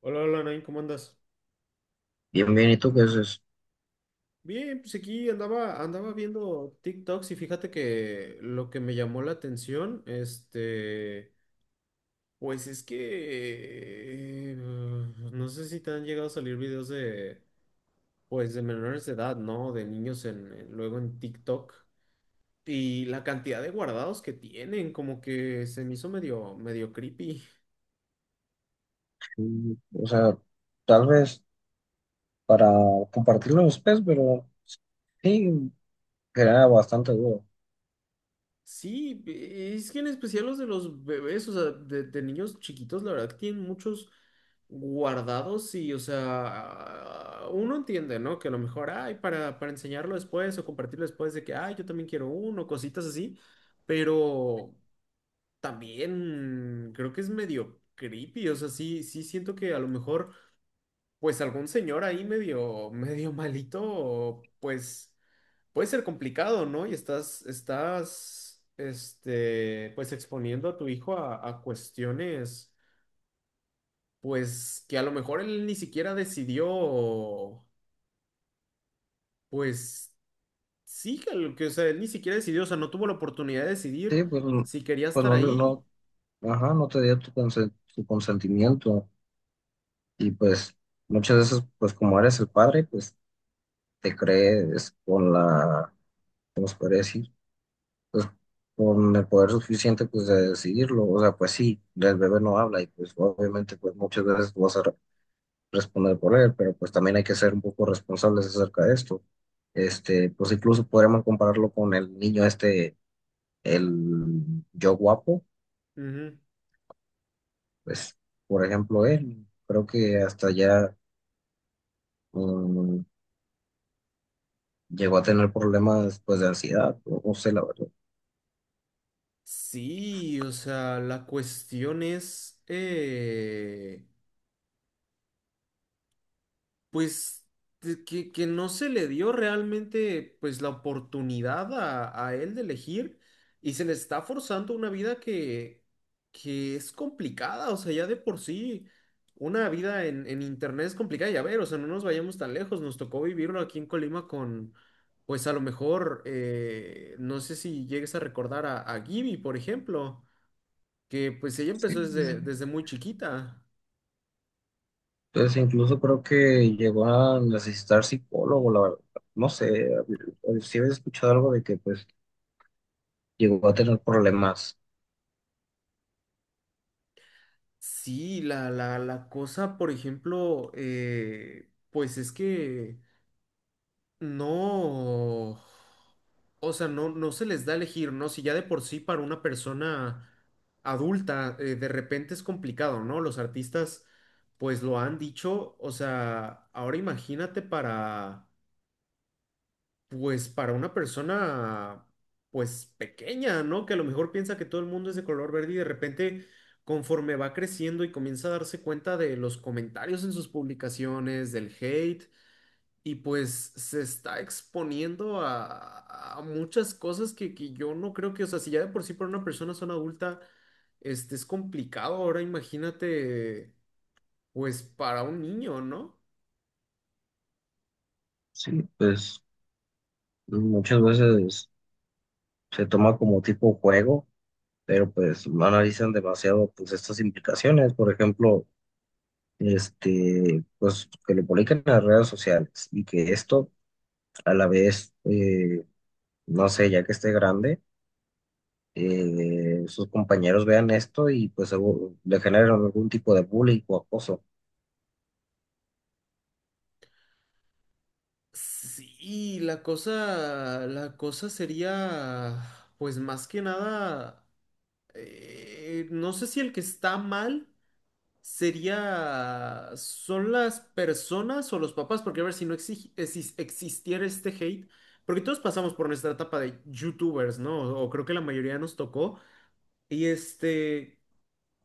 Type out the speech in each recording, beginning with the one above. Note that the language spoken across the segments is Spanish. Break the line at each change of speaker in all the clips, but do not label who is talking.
Hola, hola, Nain, ¿cómo andas?
Bien, bien, ¿y tú qué haces?
Bien, pues aquí andaba, viendo TikToks y fíjate que lo que me llamó la atención, este, pues es que no sé si te han llegado a salir videos de, pues de menores de edad, ¿no? De niños luego en TikTok y la cantidad de guardados que tienen, como que se me hizo medio, medio creepy.
Mm, o sea, tal vez para compartirlo después, pero sí, era bastante duro.
Sí, es que en especial los de los bebés, o sea, de niños chiquitos, la verdad que tienen muchos guardados y, o sea, uno entiende, ¿no? Que a lo mejor, ay, para enseñarlo después o compartirlo después de que, ay, yo también quiero uno, cositas así, pero también creo que es medio creepy, o sea, sí, sí siento que a lo mejor, pues algún señor ahí medio, medio malito, pues puede ser complicado, ¿no? Y estás, este, pues exponiendo a tu hijo a cuestiones, pues que a lo mejor él ni siquiera decidió, pues sí, que, lo que, o sea, él ni siquiera decidió, o sea, no tuvo la oportunidad de decidir
Sí, pues, mm,
si quería
pues
estar
no,
ahí.
no, ajá, no te dio tu consentimiento. Y pues muchas veces, pues como eres el padre, pues te crees con la, ¿cómo se puede decir? Pues con el poder suficiente, pues de decidirlo. O sea, pues sí, el bebé no habla y pues obviamente, pues muchas veces vas a responder por él, pero pues también hay que ser un poco responsables acerca de esto. Pues incluso podríamos compararlo con el niño este, el yo guapo,
Ujú.
pues por ejemplo él, creo que hasta ya mm, llegó a tener problemas pues de ansiedad, o no sé la verdad.
Sí, o sea, la cuestión es, pues de que no se le dio realmente pues la oportunidad a él de elegir y se le está forzando una vida que es complicada, o sea, ya de por sí una vida en internet es complicada, ya ver, o sea, no nos vayamos tan lejos, nos tocó vivirlo aquí en Colima con, pues a lo mejor, no sé si llegues a recordar a Gibi, por ejemplo, que pues ella
Sí.
empezó desde muy chiquita.
Entonces incluso creo que llegó a necesitar psicólogo, la verdad. No sé, si había escuchado algo de que pues llegó a tener problemas,
Sí, la cosa, por ejemplo, pues es que no, o sea, no se les da a elegir, ¿no? Si ya de por sí para una persona adulta, de repente es complicado, ¿no? Los artistas, pues lo han dicho, o sea, ahora imagínate para... Pues para una persona, pues pequeña, ¿no? Que a lo mejor piensa que todo el mundo es de color verde y de repente, conforme va creciendo y comienza a darse cuenta de los comentarios en sus publicaciones, del hate, y pues se está exponiendo a muchas cosas que yo no creo que, o sea, si ya de por sí para una persona son adulta, este es complicado. Ahora imagínate, pues para un niño, ¿no?
sí, pues muchas veces se toma como tipo juego, pero pues no analizan demasiado pues estas implicaciones, por ejemplo, pues que lo publiquen en las redes sociales y que esto a la vez, no sé, ya que esté grande, sus compañeros vean esto y pues seguro le generan algún tipo de bullying o acoso,
Sí, la cosa sería, pues más que nada, no sé si el que está mal sería, son las personas o los papás, porque a ver si no existiera este hate, porque todos pasamos por nuestra etapa de YouTubers, ¿no? O, creo que la mayoría nos tocó, y este,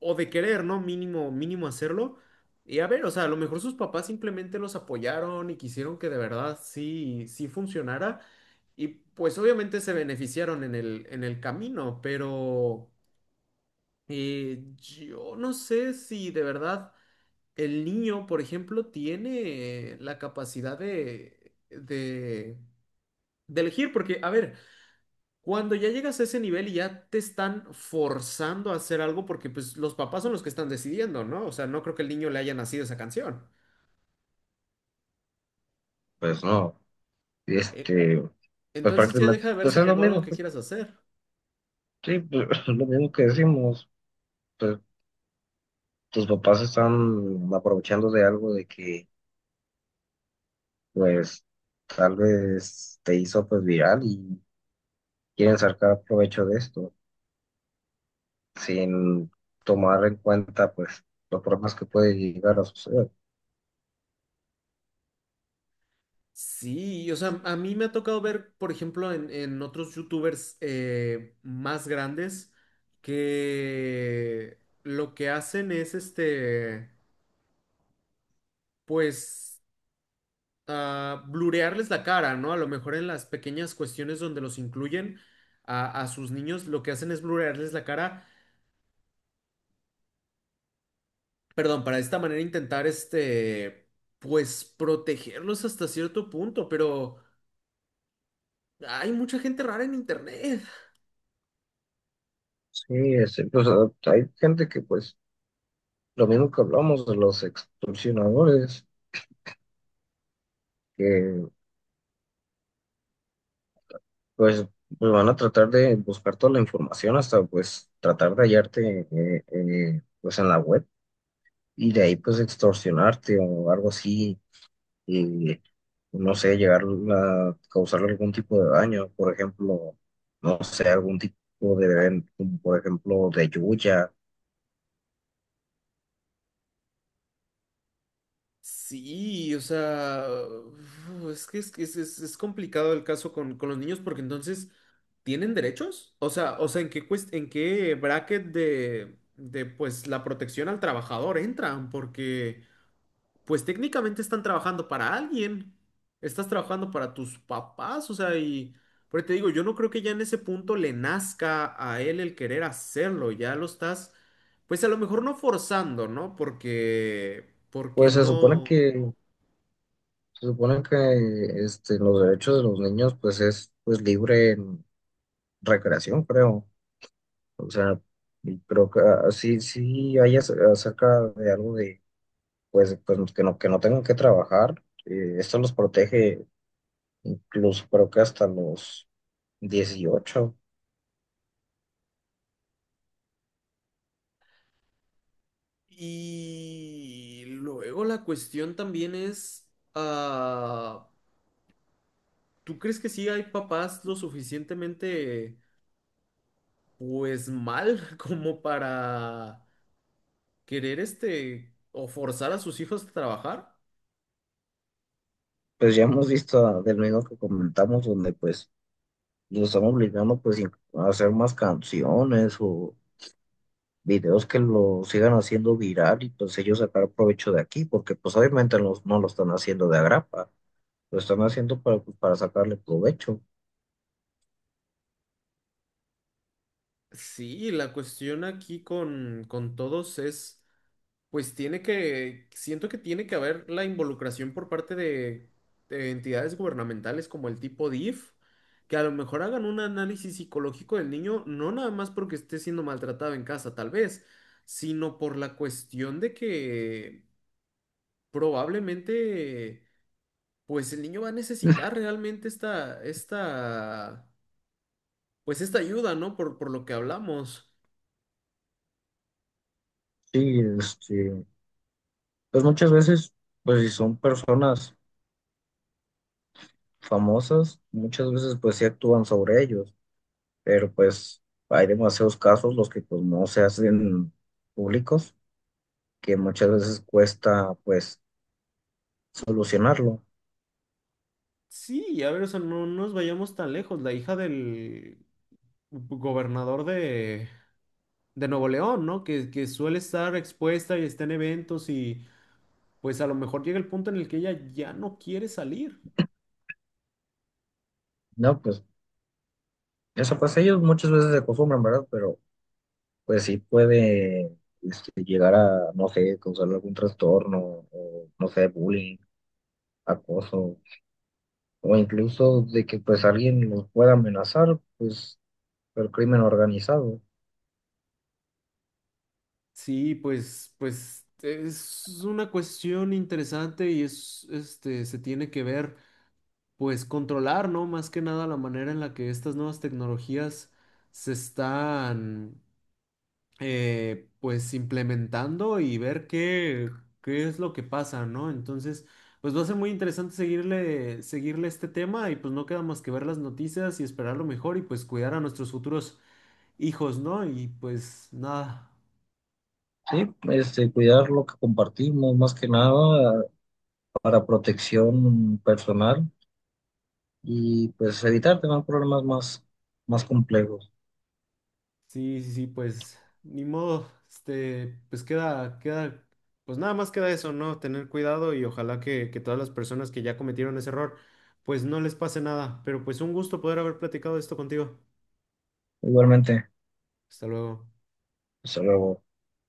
o de querer, ¿no? Mínimo, mínimo hacerlo. Y a ver, o sea, a lo mejor sus papás simplemente los apoyaron y quisieron que de verdad sí, sí funcionara. Y pues obviamente se beneficiaron en en el camino, pero yo no sé si de verdad el niño, por ejemplo, tiene la capacidad de elegir, porque, a ver, cuando ya llegas a ese nivel y ya te están forzando a hacer algo, porque pues los papás son los que están decidiendo, ¿no? O sea, no creo que el niño le haya nacido esa canción.
pues no,
Eh,
este, pues
entonces ya
prácticamente,
deja de
pues
verse
es lo
como algo
mismo
que
que,
quieras hacer.
sí, pues, lo mismo que decimos, pues tus papás están aprovechando de algo de que pues tal vez te hizo pues viral y quieren sacar provecho de esto sin tomar en cuenta pues los problemas que puede llegar a suceder.
Sí, o sea, a mí me ha tocado ver, por ejemplo, en otros youtubers más grandes que lo que hacen es este, pues, ah, blurearles la cara, ¿no? A lo mejor en las pequeñas cuestiones donde los incluyen a sus niños, lo que hacen es blurearles la cara, perdón, para de esta manera intentar este, pues, protegerlos hasta cierto punto, pero hay mucha gente rara en internet.
Sí, es, hay gente que pues lo mismo que hablamos de los extorsionadores que pues, pues, van a tratar de buscar toda la información hasta pues tratar de hallarte pues en la web y de ahí pues extorsionarte o algo así y no sé, llegar a causarle algún tipo de daño, por ejemplo, no sé, algún tipo de evento, como por ejemplo, de lluvia.
Sí, o sea, uf, es que es, que es, es complicado el caso con los niños porque entonces, ¿tienen derechos? O sea, ¿en qué, en qué bracket pues, la protección al trabajador entran? Porque, pues, técnicamente están trabajando para alguien. Estás trabajando para tus papás, o sea, y... Pero te digo, yo no creo que ya en ese punto le nazca a él el querer hacerlo, ya lo estás... Pues a lo mejor no forzando, ¿no? Porque, porque
Pues
no.
se supone que este, los derechos de los niños, pues es pues libre en recreación, creo. O sea, y creo que ah, sí, sí hay acerca de algo de, pues, pues que no tengan que trabajar. Esto los protege incluso creo que hasta los 18.
Y luego la cuestión también es, ah, ¿tú crees que sí hay papás lo suficientemente, pues mal como para querer este o forzar a sus hijos a trabajar?
Pues ya hemos visto del mismo que comentamos, donde pues los están obligando a hacer más canciones o videos que lo sigan haciendo viral y pues ellos sacar provecho de aquí, porque pues obviamente no lo están haciendo de agrapa, lo están haciendo para, pues, para sacarle provecho.
Sí, la cuestión aquí con todos es... Pues tiene que, siento que tiene que haber la involucración por parte de entidades gubernamentales como el tipo DIF, que a lo mejor hagan un análisis psicológico del niño, no nada más porque esté siendo maltratado en casa, tal vez, sino por la cuestión de que probablemente, pues el niño va a necesitar realmente esta, pues esta ayuda, ¿no? Por lo que hablamos.
Sí, pues muchas veces, pues si son personas famosas, muchas veces pues sí actúan sobre ellos, pero pues hay demasiados casos los que pues no se hacen públicos que muchas veces cuesta pues solucionarlo.
Sí, a ver, o sea, no nos vayamos tan lejos. La hija del gobernador de Nuevo León, ¿no? Que suele estar expuesta y está en eventos y pues a lo mejor llega el punto en el que ella ya no quiere salir.
No, pues eso pues ellos muchas veces se acostumbran, ¿verdad? Pero pues sí puede llegar a, no sé, causar algún trastorno o no sé, bullying, acoso o incluso de que pues alguien los pueda amenazar, pues por crimen organizado.
Sí, pues, pues es una cuestión interesante y es, este, se tiene que ver, pues controlar, ¿no? Más que nada la manera en la que estas nuevas tecnologías se están pues implementando y ver qué, qué es lo que pasa, ¿no? Entonces, pues va a ser muy interesante seguirle, seguirle este tema y pues no queda más que ver las noticias y esperar lo mejor y pues cuidar a nuestros futuros hijos, ¿no? Y pues nada,
Sí, cuidar lo que compartimos más que nada para protección personal y pues evitar tener problemas más, más complejos.
sí, sí, sí, pues ni modo, este, pues queda, queda, pues nada más queda eso, ¿no? Tener cuidado y ojalá que todas las personas que ya cometieron ese error, pues no les pase nada, pero pues un gusto poder haber platicado esto contigo.
Igualmente.
Hasta luego.
Hasta luego.